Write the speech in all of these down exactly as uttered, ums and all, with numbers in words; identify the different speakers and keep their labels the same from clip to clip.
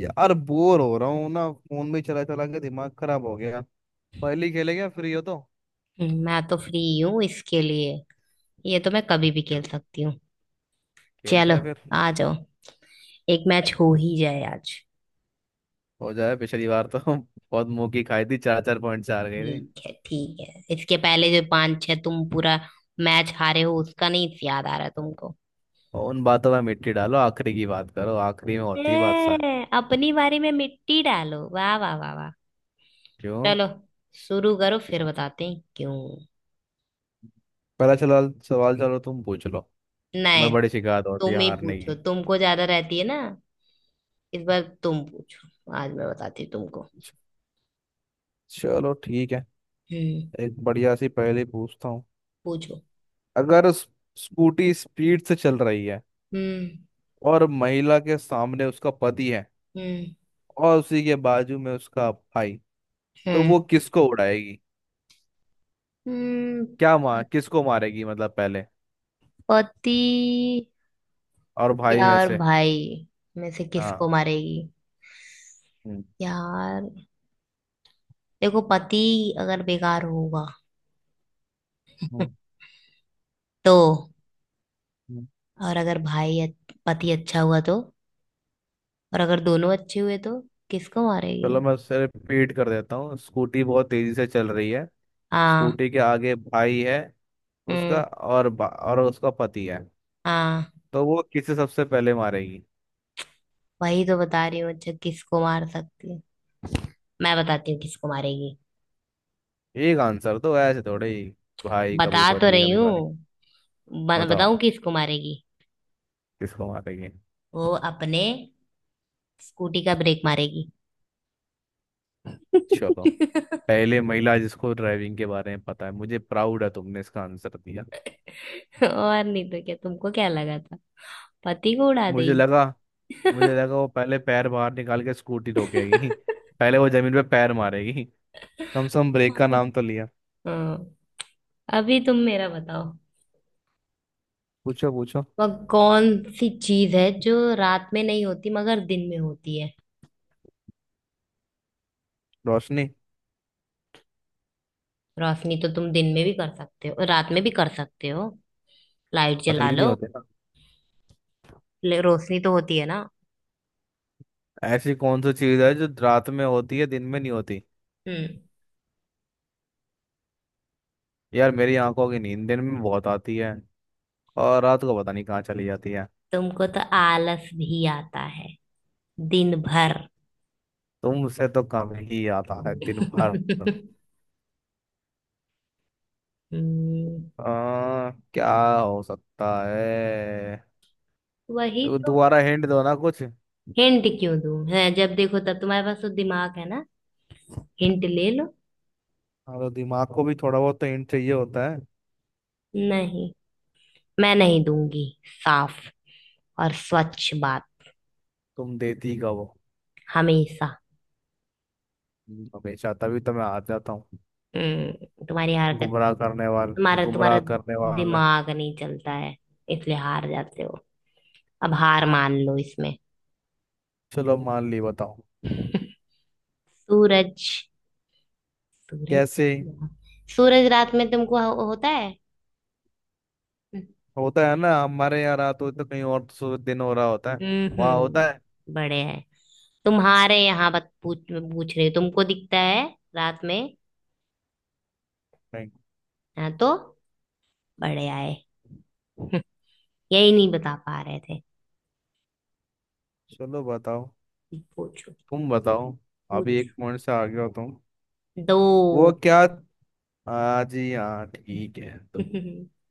Speaker 1: यार बोर हो रहा हूँ ना फोन में चला चला के दिमाग खराब हो गया। पहले खेले क्या फ्री हो तो।
Speaker 2: हम्म, मैं तो फ्री हूँ इसके लिए। ये तो मैं कभी भी खेल
Speaker 1: चलो।
Speaker 2: सकती हूँ।
Speaker 1: खेलते
Speaker 2: चलो,
Speaker 1: हैं फिर।
Speaker 2: आ जाओ। एक मैच हो ही जाए आज।
Speaker 1: हो जाए। पिछली बार तो बहुत मुंह की खाई थी। चार चार पॉइंट चार गए थे।
Speaker 2: ठीक है, ठीक है। इसके पहले जो पांच छह तुम पूरा मैच हारे हो, उसका नहीं याद आ रहा तुमको?
Speaker 1: और उन बातों में मिट्टी डालो। आखिरी की बात करो। आखिरी में होती है बात सारी।
Speaker 2: ए, अपनी बारी में मिट्टी डालो। वाह वाह वाह वाह।
Speaker 1: क्यों?
Speaker 2: चलो, शुरू करो। फिर बताते हैं क्यों।
Speaker 1: पहला चला सवाल। चलो तुम पूछ लो। तुम्हें
Speaker 2: नहीं।
Speaker 1: बड़ी शिकायत होती है
Speaker 2: तुम ही
Speaker 1: हारने
Speaker 2: पूछो,
Speaker 1: की।
Speaker 2: तुमको ज्यादा रहती है ना। इस बार तुम पूछो, आज मैं बताती हूँ तुमको।
Speaker 1: च- चलो ठीक है।
Speaker 2: हम्म।
Speaker 1: एक बढ़िया सी पहेली पूछता हूँ।
Speaker 2: पूछो।
Speaker 1: अगर उस- स्कूटी स्पीड से चल रही है।
Speaker 2: हम्म।
Speaker 1: और महिला के सामने उसका पति है।
Speaker 2: हम्म।
Speaker 1: और उसी के बाजू में उसका भाई। तो
Speaker 2: हम्म।
Speaker 1: वो किसको उड़ाएगी?
Speaker 2: हम्म।
Speaker 1: क्या मार? किसको मारेगी मतलब पहले
Speaker 2: पति।
Speaker 1: और भाई में
Speaker 2: यार,
Speaker 1: से?
Speaker 2: भाई में से किसको
Speaker 1: हाँ।
Speaker 2: मारेगी?
Speaker 1: हम्म।
Speaker 2: यार देखो, पति अगर बेकार होगा
Speaker 1: हम्म।
Speaker 2: तो।
Speaker 1: हम्म।
Speaker 2: और अगर भाई अच- पति अच्छा हुआ तो, और अगर दोनों अच्छे हुए तो किसको
Speaker 1: चलो,
Speaker 2: मारेगी?
Speaker 1: मैं उसे रिपीट कर देता हूँ। स्कूटी बहुत तेजी से चल रही है।
Speaker 2: हाँ।
Speaker 1: स्कूटी के आगे भाई है
Speaker 2: हम्म।
Speaker 1: उसका और बा, और उसका पति है।
Speaker 2: हाँ,
Speaker 1: तो वो किसे सबसे पहले मारेगी?
Speaker 2: वही तो बता रही हूँ। अच्छा, किसको मार सकती है, मैं बताती हूँ किसको मारेगी।
Speaker 1: एक आंसर तो ऐसे थोड़े ही। भाई कभी
Speaker 2: बता तो
Speaker 1: पति
Speaker 2: रही
Speaker 1: कभी
Speaker 2: हूँ।
Speaker 1: भाई।
Speaker 2: ब-
Speaker 1: बताओ
Speaker 2: बताऊँ किसको मारेगी?
Speaker 1: किसको मारेगी।
Speaker 2: वो अपने स्कूटी का ब्रेक मारेगी।
Speaker 1: चलो। पहले महिला जिसको ड्राइविंग के बारे में पता है। मुझे प्राउड है तुमने इसका आंसर दिया।
Speaker 2: और नहीं तो क्या, तुमको क्या लगा था, पति को उड़ा
Speaker 1: मुझे
Speaker 2: देगी?
Speaker 1: लगा मुझे लगा वो पहले पैर बाहर निकाल के स्कूटी रोकेगी। पहले वो जमीन पे पैर मारेगी। कम से कम ब्रेक का नाम तो लिया।
Speaker 2: हाँ, अभी तुम मेरा बताओ।
Speaker 1: पूछो पूछो।
Speaker 2: वह कौन सी चीज है जो रात में नहीं होती मगर दिन में होती है?
Speaker 1: रोशनी।
Speaker 2: रोशनी तो तुम दिन में भी कर सकते हो, रात में भी कर सकते हो। लाइट जला
Speaker 1: असली नहीं
Speaker 2: लो।
Speaker 1: होते ना।
Speaker 2: ले- रोशनी तो होती है ना।
Speaker 1: ऐसी कौन सी चीज है जो रात में होती है दिन में नहीं होती?
Speaker 2: हम्म।
Speaker 1: यार मेरी आंखों की नींद दिन में बहुत आती है। और रात को पता नहीं कहाँ चली जाती है।
Speaker 2: तुमको तो आलस भी आता है दिन भर।
Speaker 1: तुमसे तो कम ही आता है दिन भर।
Speaker 2: हम्म
Speaker 1: आ, क्या हो सकता है?
Speaker 2: वही
Speaker 1: तो
Speaker 2: तो।
Speaker 1: दोबारा हिंट दो ना कुछ। हाँ।
Speaker 2: हिंट क्यों दूं, है जब देखो तब तुम्हारे पास तो दिमाग है ना। हिंट ले लो।
Speaker 1: तो दिमाग को भी थोड़ा बहुत तो हिंट चाहिए होता है।
Speaker 2: नहीं, मैं नहीं दूंगी। साफ और स्वच्छ बात।
Speaker 1: तुम देती का वो
Speaker 2: हमेशा।
Speaker 1: हमेशा। तभी तो मैं हार जाता हूँ।
Speaker 2: हम्म तुम्हारी हरकत।
Speaker 1: गुमराह करने वाले
Speaker 2: तुम्हारा
Speaker 1: गुमराह
Speaker 2: तुम्हारा
Speaker 1: करने वाले।
Speaker 2: दिमाग नहीं चलता है, इसलिए हार जाते हो। अब हार मान लो इसमें।
Speaker 1: चलो मान ली। बताओ
Speaker 2: सूरज। सूरज।
Speaker 1: कैसे।
Speaker 2: सूरज रात में तुमको हो, होता है।
Speaker 1: होता है ना। हमारे यहाँ रात होती तो कहीं और सो- दिन हो रहा होता है। वहाँ होता है।
Speaker 2: हम्म। बड़े हैं। तुम्हारे यहाँ बात पूछ पूछ रही हूँ। तुमको दिखता है रात में?
Speaker 1: नहीं।
Speaker 2: हाँ तो, बड़े आए। यही नहीं बता पा रहे थे।
Speaker 1: चलो बताओ।
Speaker 2: पूछो।
Speaker 1: तुम बताओ। अभी
Speaker 2: पूछो।
Speaker 1: एक पॉइंट से आगे हो तुम।
Speaker 2: दो।
Speaker 1: वो क्या? हाँ जी हाँ ठीक है तो।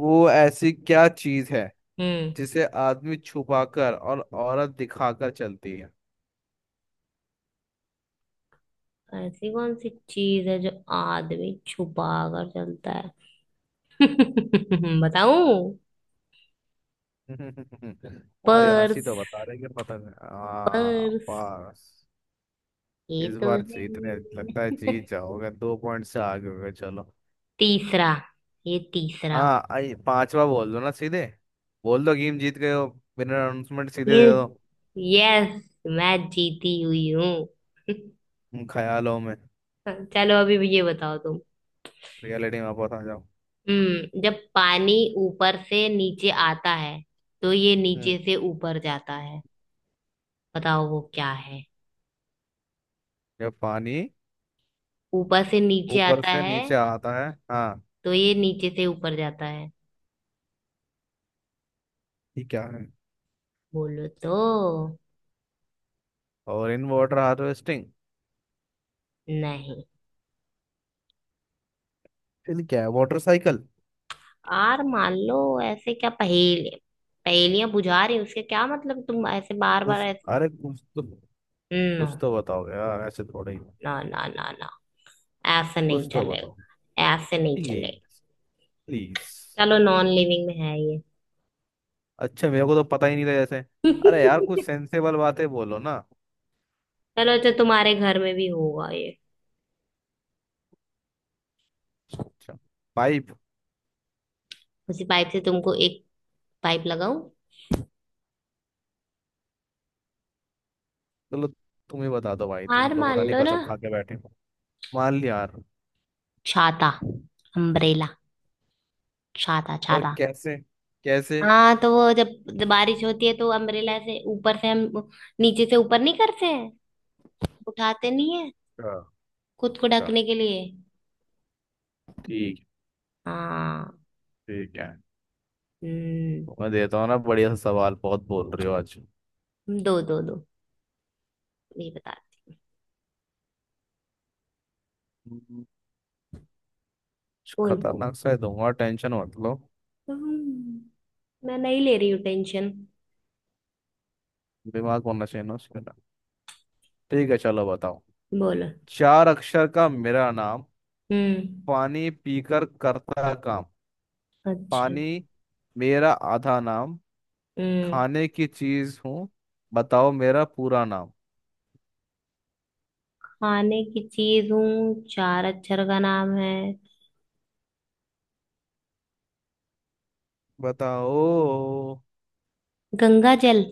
Speaker 1: वो ऐसी क्या चीज है
Speaker 2: हम्म।
Speaker 1: जिसे आदमी छुपाकर और औरत दिखाकर चलती है?
Speaker 2: ऐसी कौन सी चीज है जो आदमी छुपा कर चलता है? बताऊं?
Speaker 1: तुम्हारी हंसी
Speaker 2: पर्स।
Speaker 1: तो बता रही है पता नहीं। हाँ
Speaker 2: पर्स।
Speaker 1: बस।
Speaker 2: ये
Speaker 1: इस
Speaker 2: तो
Speaker 1: बार जीतने लगता है।
Speaker 2: है।
Speaker 1: जीत जाओगे। दो पॉइंट से आगे हो गए। चलो।
Speaker 2: तीसरा। ये तीसरा।
Speaker 1: हाँ आई पांचवा बोल दो ना सीधे। बोल दो गेम जीत गए हो। बिना अनाउंसमेंट सीधे
Speaker 2: ये।
Speaker 1: दे दो।
Speaker 2: यस, मैं जीती हुई हूँ।
Speaker 1: तुम ख्यालों में।
Speaker 2: चलो, अभी भी ये बताओ तुम।
Speaker 1: रियलिटी में वापस आ जाओ।
Speaker 2: हम्म। जब पानी ऊपर से नीचे आता है, तो ये नीचे
Speaker 1: हम्म।
Speaker 2: से ऊपर जाता है। बताओ वो क्या?
Speaker 1: जब पानी
Speaker 2: ऊपर से नीचे
Speaker 1: ऊपर
Speaker 2: आता
Speaker 1: से
Speaker 2: है,
Speaker 1: नीचे आता है। हाँ।
Speaker 2: तो ये नीचे से ऊपर जाता है।
Speaker 1: ये क्या है?
Speaker 2: बोलो तो।
Speaker 1: और इन वाटर हार्वेस्टिंग।
Speaker 2: नहीं।
Speaker 1: फिर क्या है? Water cycle.
Speaker 2: यार मान लो, ऐसे क्या पहेली, पहेलियां बुझा रही हो, उसके क्या मतलब, तुम ऐसे बार बार
Speaker 1: उस
Speaker 2: ऐसे।
Speaker 1: अरे कुछ तो,
Speaker 2: ना,
Speaker 1: कुछ तो बताओ यार। ऐसे थोड़े ही।
Speaker 2: ना ना ना ना। ऐसे नहीं
Speaker 1: कुछ तो बताओ।
Speaker 2: चलेगा, ऐसे नहीं चलेगा।
Speaker 1: प्लीज। प्लीज।
Speaker 2: चलो, नॉन लिविंग में है ये।
Speaker 1: अच्छा, मेरे को तो पता ही नहीं था जैसे। अरे यार कुछ सेंसेबल बातें बोलो ना।
Speaker 2: चलो अच्छा, तुम्हारे घर में भी होगा ये।
Speaker 1: अच्छा। पाइप।
Speaker 2: उसी पाइप से तुमको एक पाइप लगाऊं।
Speaker 1: चलो, तुम ही बता दो भाई। तुम
Speaker 2: हार
Speaker 1: तो
Speaker 2: मान
Speaker 1: पता नहीं
Speaker 2: लो ना।
Speaker 1: कसम खा के बैठे हो। मान लिया यार।
Speaker 2: छाता। अम्ब्रेला। छाता
Speaker 1: और
Speaker 2: छाता।
Speaker 1: कैसे? कैसे?
Speaker 2: हाँ, तो वो जब जब बारिश होती है तो अम्ब्रेला से ऊपर से हम नीचे से ऊपर नहीं करते हैं, उठाते नहीं है,
Speaker 1: अच्छा।
Speaker 2: खुद को
Speaker 1: अच्छा,
Speaker 2: ढकने के लिए।
Speaker 1: ठीक।
Speaker 2: हाँ।
Speaker 1: ठीक है।
Speaker 2: हम्म।
Speaker 1: तो मैं देता हूँ ना बढ़िया सा सवाल। बहुत बोल रही हो आज।
Speaker 2: दो दो दो। नहीं बताती।
Speaker 1: हम्म, कुछ
Speaker 2: बोल।
Speaker 1: खतरनाक सा ही दूंगा। टेंशन मत लो।
Speaker 2: हम्म, मैं नहीं ले रही हूँ टेंशन।
Speaker 1: दिमाग होना चाहिए ना उसके अंदर। ठीक है चलो बताओ।
Speaker 2: बोलो।
Speaker 1: चार अक्षर का मेरा नाम।
Speaker 2: हम्म।
Speaker 1: पानी पीकर करता काम।
Speaker 2: अच्छा।
Speaker 1: पानी मेरा आधा नाम।
Speaker 2: हम्म।
Speaker 1: खाने की चीज हूँ। बताओ मेरा पूरा नाम।
Speaker 2: खाने की चीज हूँ, चार अक्षर का नाम है।
Speaker 1: बताओ।
Speaker 2: गंगा जल।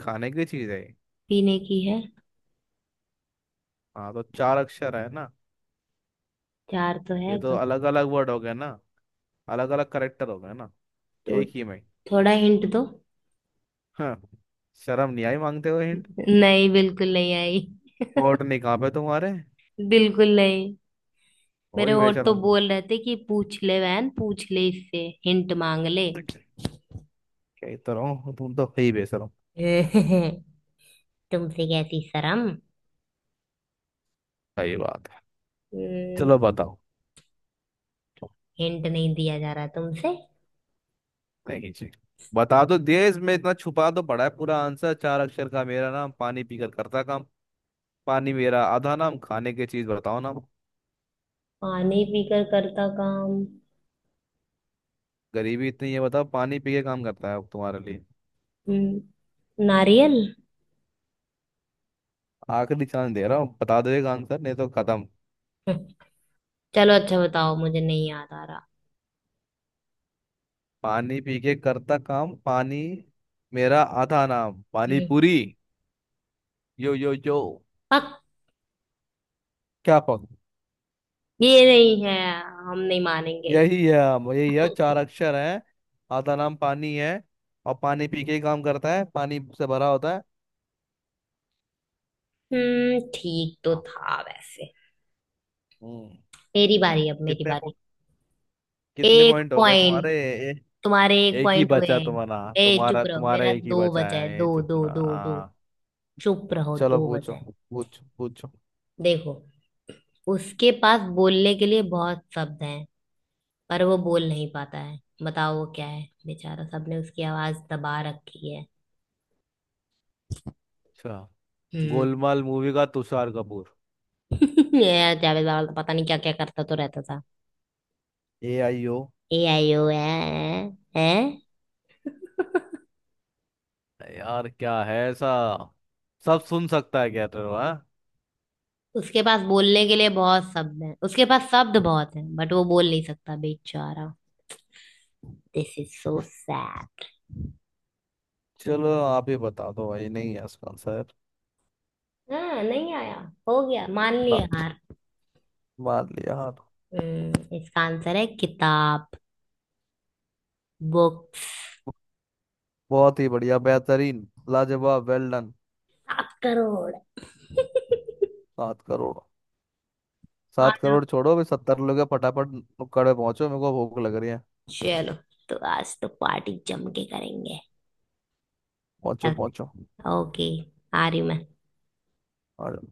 Speaker 1: खाने की चीज है ये।
Speaker 2: पीने की है।
Speaker 1: हाँ तो चार अक्षर है ना।
Speaker 2: चार तो
Speaker 1: ये
Speaker 2: है
Speaker 1: तो
Speaker 2: गं-।
Speaker 1: अलग अलग वर्ड हो गए ना। अलग अलग करेक्टर हो गए ना।
Speaker 2: तो
Speaker 1: एक ही में।
Speaker 2: थोड़ा हिंट दो।
Speaker 1: हाँ। शर्म नहीं आई मांगते हो हिंट?
Speaker 2: नहीं, बिल्कुल नहीं आई।
Speaker 1: होठ नहीं कहाँ पे तुम्हारे।
Speaker 2: बिल्कुल नहीं।
Speaker 1: हो
Speaker 2: मेरे
Speaker 1: ही
Speaker 2: और तो
Speaker 1: बेशरम तुम।
Speaker 2: बोल रहे थे कि पूछ ले, बहन पूछ ले इससे, हिंट मांग ले।
Speaker 1: ठीक है। कह तो रहा हूँ तुम तो ही बेशरम।
Speaker 2: तुमसे कैसी शर्म।
Speaker 1: सही बात है।
Speaker 2: हम्म,
Speaker 1: चलो बताओ।
Speaker 2: हिंट नहीं दिया जा रहा तुमसे।
Speaker 1: नहीं जी। बता तो दिए। इसमें इतना छुपा तो पड़ा है पूरा आंसर। चार अक्षर का मेरा नाम, पानी पीकर करता काम। पानी मेरा आधा नाम। खाने की चीज। बताओ ना।
Speaker 2: पानी पीकर करता काम।
Speaker 1: गरीबी इतनी है? बताओ, पानी पी के काम करता है अब तुम्हारे लिए।
Speaker 2: हम्म, नारियल।
Speaker 1: आखिरी चांस दे रहा हूँ। बता दो एक आंसर नहीं तो खत्म।
Speaker 2: हम्म, चलो अच्छा बताओ, मुझे नहीं याद आ रहा।
Speaker 1: पानी पी के करता काम। पानी मेरा आधा नाम। पानी
Speaker 2: हम्म,
Speaker 1: पूरी। यो यो यो।
Speaker 2: पक।
Speaker 1: क्या पक?
Speaker 2: ये नहीं है, हम नहीं मानेंगे।
Speaker 1: यही है। हम, यही है। चार अक्षर है। आधा नाम पानी है। और पानी पी के ही काम करता है। पानी से भरा होता है।
Speaker 2: हम्म ठीक तो
Speaker 1: हाँ।
Speaker 2: था वैसे।
Speaker 1: हम्म।
Speaker 2: मेरी बारी, अब मेरी
Speaker 1: कितने पो-
Speaker 2: बारी।
Speaker 1: कितने
Speaker 2: एक
Speaker 1: पॉइंट हो गए तुम्हारे?
Speaker 2: पॉइंट।
Speaker 1: ए,
Speaker 2: तुम्हारे एक
Speaker 1: एक ही
Speaker 2: पॉइंट हुए
Speaker 1: बचा
Speaker 2: हैं।
Speaker 1: तुम्हारा
Speaker 2: ए,
Speaker 1: तुम्हारा
Speaker 2: चुप रहो,
Speaker 1: तुम्हारा
Speaker 2: मेरा
Speaker 1: एक ही
Speaker 2: दो
Speaker 1: बचा
Speaker 2: बचा है।
Speaker 1: है। ये
Speaker 2: दो दो
Speaker 1: चुपना
Speaker 2: दो दो।
Speaker 1: हाँ।
Speaker 2: चुप रहो,
Speaker 1: चलो
Speaker 2: दो बचा
Speaker 1: पूछो।
Speaker 2: है।
Speaker 1: पूछो पूछो।
Speaker 2: देखो, उसके पास बोलने के लिए बहुत शब्द हैं, पर वो बोल नहीं पाता है। बताओ वो क्या है, बेचारा, सबने उसकी आवाज दबा रखी है।
Speaker 1: अच्छा।
Speaker 2: हम्म।
Speaker 1: गोलमाल मूवी का तुषार कपूर।
Speaker 2: ये जावेद बाबा पता नहीं क्या क्या करता तो रहता था।
Speaker 1: A I O.
Speaker 2: A I O ए है।
Speaker 1: यार क्या है ऐसा? सब सुन सकता है क्या तेरे को, हाँ?
Speaker 2: उसके पास बोलने के लिए बहुत शब्द हैं, उसके पास शब्द बहुत हैं, बट वो बोल नहीं सकता बेचारा। This is so sad.
Speaker 1: चलो आप ही बता दो भाई। नहीं है इसका आंसर।
Speaker 2: हाँ नहीं आया, हो गया, मान
Speaker 1: ना।
Speaker 2: लिया हार।
Speaker 1: मान लिया हाँ।
Speaker 2: हम्म, इसका आंसर है किताब। बुक्स।
Speaker 1: बहुत ही बढ़िया। बेहतरीन। लाजवाब। Well done.
Speaker 2: सात करोड़।
Speaker 1: सात करोड़।
Speaker 2: आ
Speaker 1: सात
Speaker 2: जाओ,
Speaker 1: करोड़ छोड़ो अभी। सत्तर लोगे फटाफट। नुक्कड़ पे पहुंचो। मेरे को भूख लग रही है।
Speaker 2: चलो। तो आज तो पार्टी जम के करेंगे।
Speaker 1: पहुंचो पहुंचो।
Speaker 2: ओके, आ रही हूँ मैं।
Speaker 1: और